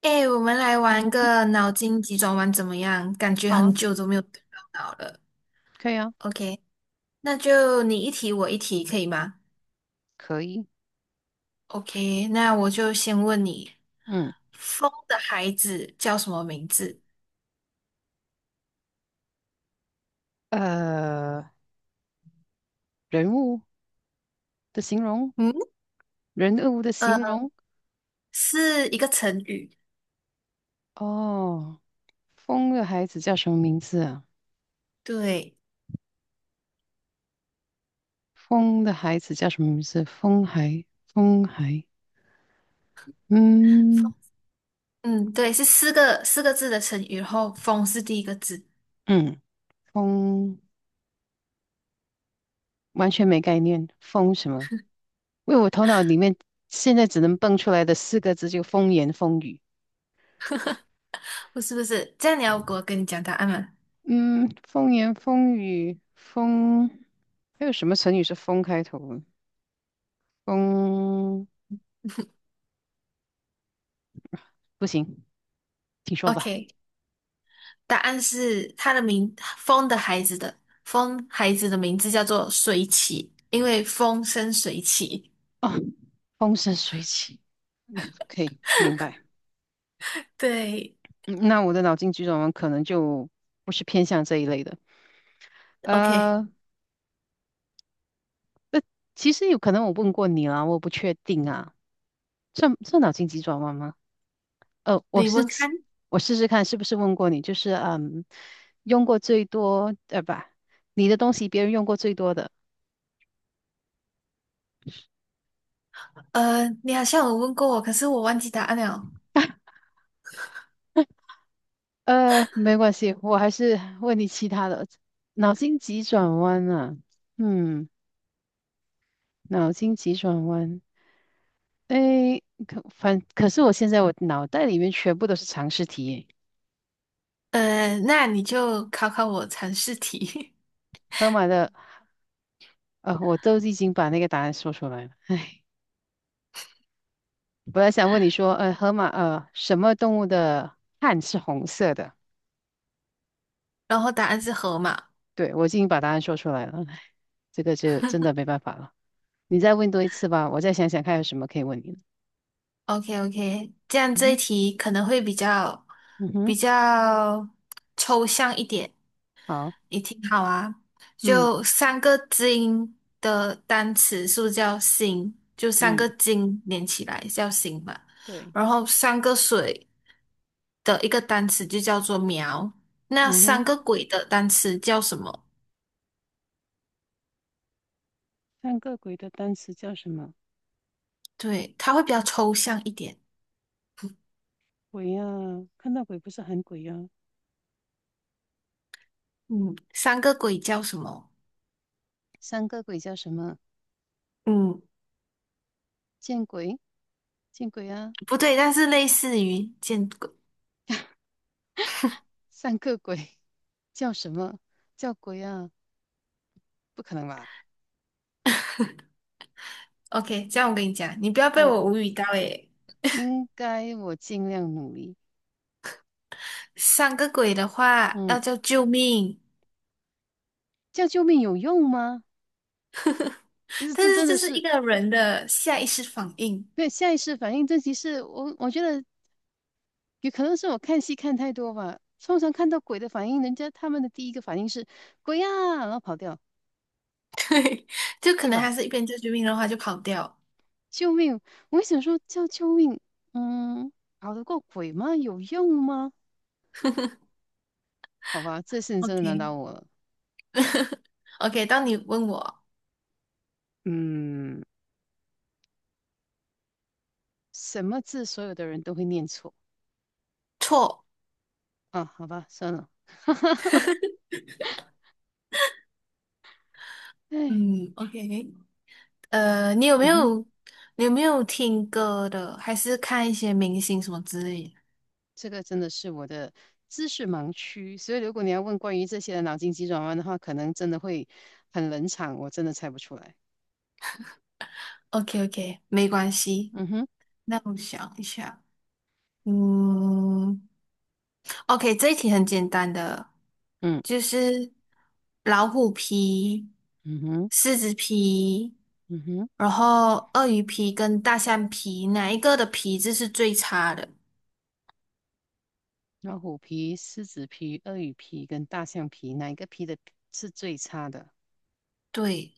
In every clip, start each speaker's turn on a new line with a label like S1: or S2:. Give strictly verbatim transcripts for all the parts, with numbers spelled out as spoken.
S1: 哎，我们来
S2: 嗯
S1: 玩
S2: 哼，
S1: 个脑筋急转弯怎么样？感觉
S2: 好
S1: 很
S2: 啊，
S1: 久都没有动到脑了。
S2: 可以啊，
S1: OK，那就你一题我一题，可以吗
S2: 可以。
S1: ？OK，那我就先问你，
S2: 嗯，
S1: 风的孩子叫什么名字？
S2: 呃，人物的形容，
S1: 嗯，
S2: 人物的形
S1: 呃，
S2: 容。
S1: 是一个成语。
S2: 哦，风的孩子叫什么名字啊？
S1: 对，
S2: 风的孩子叫什么名字？风孩，风孩。
S1: 风，
S2: 嗯
S1: 嗯，对，是四个四个字的成语，然后风是第一个字，
S2: 嗯，风完全没概念。风什么？因为我头脑里面现在只能蹦出来的四个字就风言风语。
S1: 不是不是？这样你要给我跟你讲答案吗
S2: 嗯，风言风语，风还有什么成语是风开头的？风。不行，请说吧。
S1: ？OK，答案是他的名，风的孩子的风孩子的名字叫做水起，因为风生水起。
S2: 哦，风生水起，嗯可以明白。
S1: 对
S2: 嗯那我的脑筋急转弯可能就不是偏向这一类的。
S1: ，OK，
S2: 呃，那其实有可能我问过你啦，我不确定啊，算算脑筋急转弯吗？呃，我
S1: 李
S2: 是
S1: 文
S2: 吃
S1: 康，
S2: 我试试看是不是问过你，就是嗯，用过最多呃不，你的东西别人用过最多的。
S1: 呃，你好像有问过我，可是我忘记答案了。
S2: 呃，没关系，我还是问你其他的脑筋急转弯啊，嗯。脑筋急转弯，诶，可反可是我现在我脑袋里面全部都是常识题耶，
S1: 呃，那你就考考我常识题，
S2: 河马的，呃，我都已经把那个答案说出来了。唉，本来想问你说，呃，河马，呃，什么动物的汗是红色的？
S1: 然后答案是河马。
S2: 对，我已经把答案说出来了，唉，这个就真的没办法了。你再问多一次吧，我再想想看有什么可以问你的
S1: OK OK，这样
S2: 嗯
S1: 这一
S2: 哼，
S1: 题可能会比较
S2: 嗯
S1: 比
S2: 哼，
S1: 较抽象一点。
S2: 好，
S1: 你挺好啊。
S2: 嗯
S1: 就三个金的单词是不是叫星，就三
S2: 嗯，
S1: 个金连起来叫星嘛。
S2: 对，
S1: 然后三个水的一个单词就叫做苗。那
S2: 嗯
S1: 三
S2: 哼，
S1: 个鬼的单词叫什么？
S2: 看个鬼的单词叫什么？
S1: 对，它会比较抽象一点。
S2: 鬼呀、看到鬼不是喊鬼呀、
S1: 嗯，三个鬼叫什么？
S2: 三个鬼叫什么？
S1: 嗯，
S2: 见鬼，见鬼啊！
S1: 不对，但是类似于见鬼。
S2: 三个鬼 叫什么？叫鬼啊？不可能吧？
S1: OK，这样我跟你讲，你不要被
S2: 嗯，
S1: 我无语到诶。
S2: 应该我尽量努力。
S1: 三个鬼的话要
S2: 嗯，
S1: 叫救命。
S2: 叫救命有用吗？不是，
S1: 但
S2: 这
S1: 是
S2: 真的
S1: 这是一
S2: 是
S1: 个人的下意识反应，
S2: 对下意识反应。这其实我我觉得有可能是我看戏看太多吧。通常看到鬼的反应，人家他们的第一个反应是鬼呀、啊，然后跑掉，
S1: 对，就可
S2: 对
S1: 能他
S2: 吧？
S1: 是一边救救命的话就跑掉。
S2: 救命！我想说叫救命，嗯，跑得过鬼吗？有用吗？好吧，这次你真的难
S1: OK
S2: 倒我了。
S1: OK，当你问我
S2: 嗯，什么字所有的人都会念错
S1: 错，
S2: 啊？好吧，算了。哎，
S1: 嗯，OK，呃，你有没
S2: 嗯哼，
S1: 有你有没有听歌的，还是看一些明星什么之类的
S2: 这个真的是我的知识盲区，所以如果你要问关于这些的脑筋急转弯的话，可能真的会很冷场，我真的猜不出来。
S1: ？OK OK，没关系，
S2: 嗯哼，
S1: 那我想一下，嗯。OK，这一题很简单的，
S2: 嗯
S1: 就是老虎皮、
S2: 嗯哼
S1: 狮子皮，
S2: 嗯哼，
S1: 然后鳄鱼皮跟大象皮，哪一个的皮质是最差的？
S2: 老虎皮、狮子皮、鳄鱼皮跟大象皮，哪一个皮的是最差的？
S1: 对，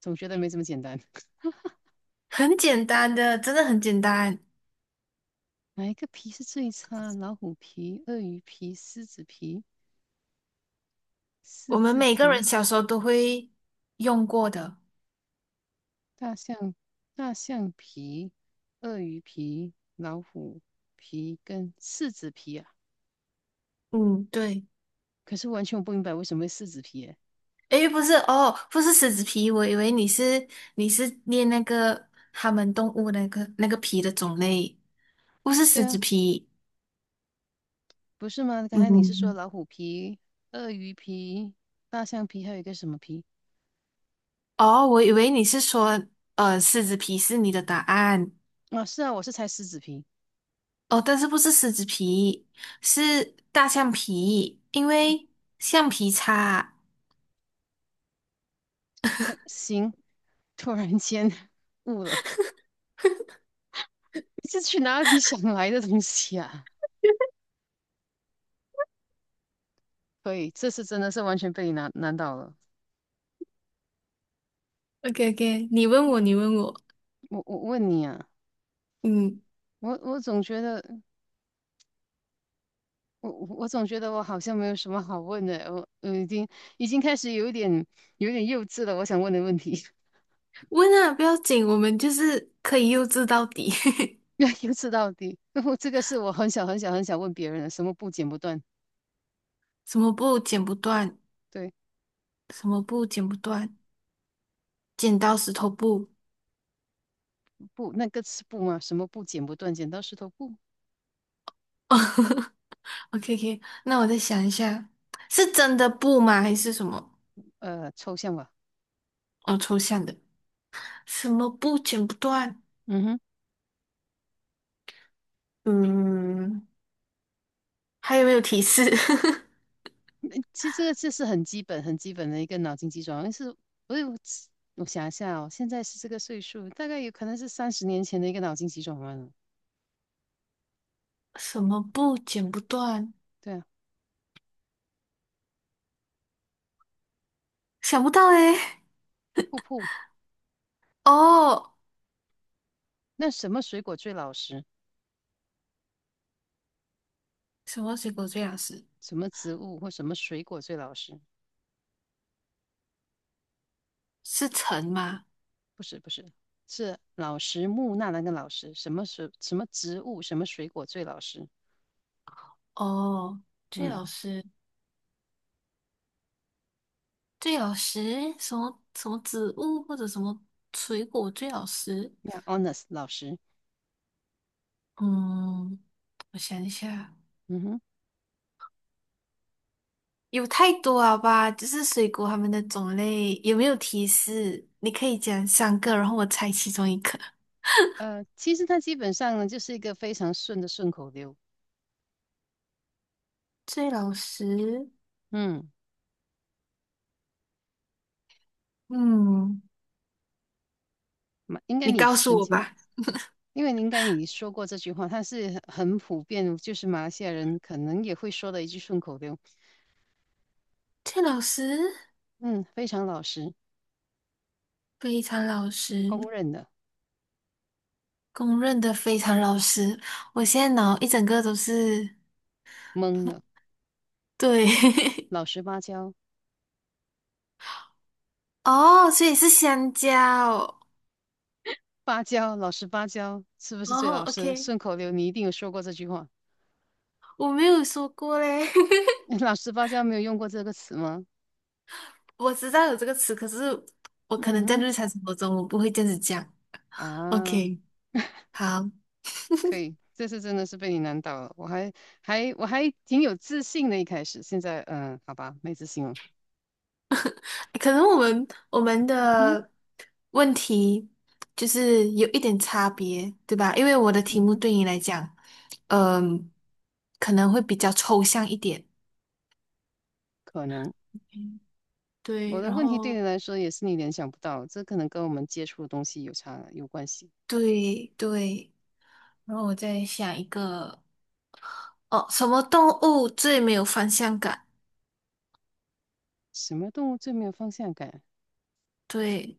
S2: 总觉得没这么简单。
S1: 很简单的，真的很简单，
S2: 哪一个皮是最差？老虎皮、鳄鱼皮、狮子皮？狮
S1: 我们
S2: 子
S1: 每个人
S2: 皮、
S1: 小时候都会用过的。
S2: 大象、大象皮、鳄鱼皮、老虎皮跟四子皮啊。
S1: 嗯，对。
S2: 可是完全我不明白为什么会四子皮耶？
S1: 诶，不是哦，不是狮子皮，我以为你是你是念那个他们动物那个那个皮的种类，不是
S2: 对
S1: 狮子
S2: 啊，
S1: 皮。
S2: 不是吗？刚才你是说
S1: 嗯，
S2: 老虎皮、鳄鱼皮、大象皮，还有一个什么皮？
S1: 哦，我以为你是说，呃，狮子皮是你的答案
S2: 啊，是啊，我是猜狮子皮。
S1: 哦，但是不是狮子皮，是大象皮，因
S2: 嗯
S1: 为橡皮擦。
S2: 行，突然间 悟了，你这去哪里想来的东西啊？可以，这次真的是完全被你难难倒了。
S1: o k o k 你问我，
S2: 嗯，
S1: 你问我，
S2: 我我问你啊，
S1: 嗯，
S2: 我我总觉得。我我总觉得我好像没有什么好问的，我我已经已经开始有一点有一点幼稚了。我想问的问题
S1: 问啊，不要紧，我们就是可以幼稚到底，
S2: 要幼稚到底。我这个是我很小很小很小问别人的，什么布剪不断？
S1: 什么布剪不断，
S2: 对，
S1: 什么布剪不断，剪刀石头布。
S2: 布那个是布吗？什么布剪不断？剪刀石头布？
S1: o k o k 那我再想一下，是真的布吗？还是什么？
S2: 呃，抽象吧。
S1: 哦，抽象的，什么布剪不断？
S2: 嗯哼，
S1: 嗯，还有没有提示？
S2: 诶其实这个这是很基本很基本的一个脑筋急转弯。是，我有我想一下哦，现在是这个岁数，大概有可能是三十年前的一个脑筋急转弯了。
S1: 什么布剪不断？
S2: 对啊，
S1: 想不到诶、
S2: 瀑布。
S1: 哦，
S2: 那什么水果最老实？
S1: 什么水果最老吃？
S2: 什么植物或什么水果最老实？
S1: 是橙吗？
S2: 不是不是，是老实木那那个老实，什么水什么植物什么水果最老实？
S1: 哦，最
S2: 嗯
S1: 老吃，最老吃，什么什么植物或者什么水果最老吃？
S2: y e h o n e s t 老实，
S1: 嗯，我想一下，
S2: 嗯哼，
S1: 有太多了吧？就是水果它们的种类，有没有提示？你可以讲三个，然后我猜其中一个。
S2: 呃，其实它基本上呢就是一个非常顺的顺口溜，
S1: 最老实，
S2: 嗯，
S1: 嗯，
S2: 马应该
S1: 你
S2: 你
S1: 告诉
S2: 曾
S1: 我
S2: 经。
S1: 吧。
S2: 因为你应该你说过这句话，它是很普遍，就是马来西亚人可能也会说的一句顺口溜。
S1: 这老师
S2: 嗯，非常老实，
S1: 非常老实，
S2: 公认的，
S1: 公认的非常老实。我现在脑一整个都是
S2: 懵的，
S1: 对
S2: 老实巴交，
S1: 哦，所以是香蕉哦。
S2: 芭蕉，老实芭蕉，是不是最
S1: 哦
S2: 老实？
S1: OK，
S2: 顺口溜你一定有说过这句话。
S1: 我没有说过嘞，
S2: 老实芭蕉没有用过这个词吗？
S1: 我知道有这个词，可是我
S2: 嗯
S1: 可能在
S2: 哼，
S1: 日常生活中我不会这样子讲。
S2: 啊，
S1: OK，好。
S2: 可以，这次真的是被你难倒了。我还还我还挺有自信的，一开始，现在嗯，好吧，没自信了。
S1: 可能我们我们
S2: 嗯哼，
S1: 的问题就是有一点差别，对吧？因为我的
S2: 嗯
S1: 题目
S2: 哼，
S1: 对你来讲，嗯、可能会比较抽象一点。
S2: 可能我
S1: 对，
S2: 的
S1: 然
S2: 问题对你
S1: 后
S2: 来说也是你联想不到，这可能跟我们接触的东西有差有关系。
S1: 对对，然后我再想一个，哦，什么动物最没有方向感？
S2: 什么动物最没有方向感？
S1: 对，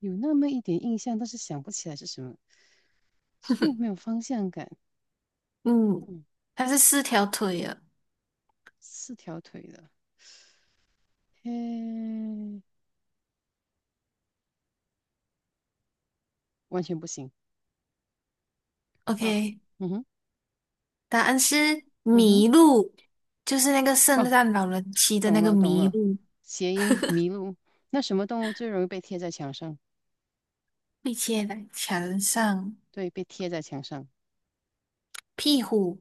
S2: 有那么一点印象，但是想不起来是什么，最没 有方向感。
S1: 嗯，
S2: 嗯，
S1: 它是四条腿啊。
S2: 四条腿的。嘿，完全不行。好，
S1: OK，
S2: 嗯哼，
S1: 答案是
S2: 嗯哼，
S1: 麋鹿，就是那个圣
S2: 哦，
S1: 诞老人骑的那
S2: 懂
S1: 个
S2: 了，懂
S1: 麋
S2: 了，
S1: 鹿。
S2: 谐音迷路。那什么动物最容易被贴在墙上？
S1: 被贴在墙上，
S2: 对，被贴在墙上，
S1: 屁股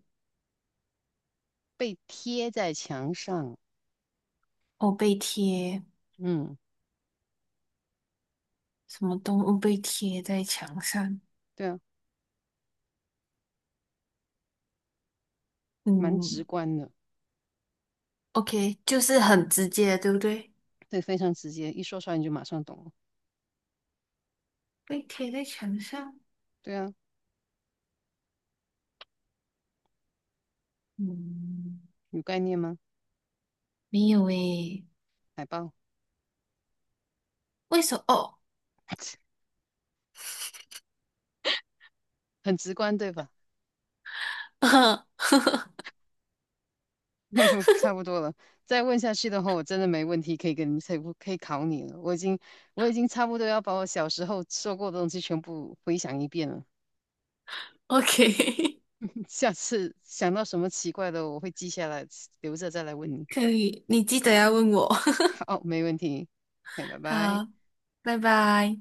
S2: 被贴在墙上。
S1: 哦被贴，
S2: 嗯，
S1: 什么动物被贴在墙上？
S2: 对啊，蛮直
S1: 嗯
S2: 观的，
S1: ，OK，就是很直接，对不对？
S2: 对，非常直接，一说出来你就马上懂了。
S1: 被贴在墙上，
S2: 对啊，
S1: 嗯，
S2: 有概念吗？
S1: 没有诶，
S2: 海豹，
S1: 为什么？哦
S2: 很直观，对吧？差不多了，再问下去的话，我真的没问题可以跟你，可以可以考你了。我已经我已经差不多要把我小时候说过的东西全部回想一遍了。
S1: ，OK，
S2: 下次想到什么奇怪的，我会记下来，留着再来问你。
S1: 可以，你记得要问我。
S2: 好，没问题。哎，拜拜。
S1: 好，拜拜。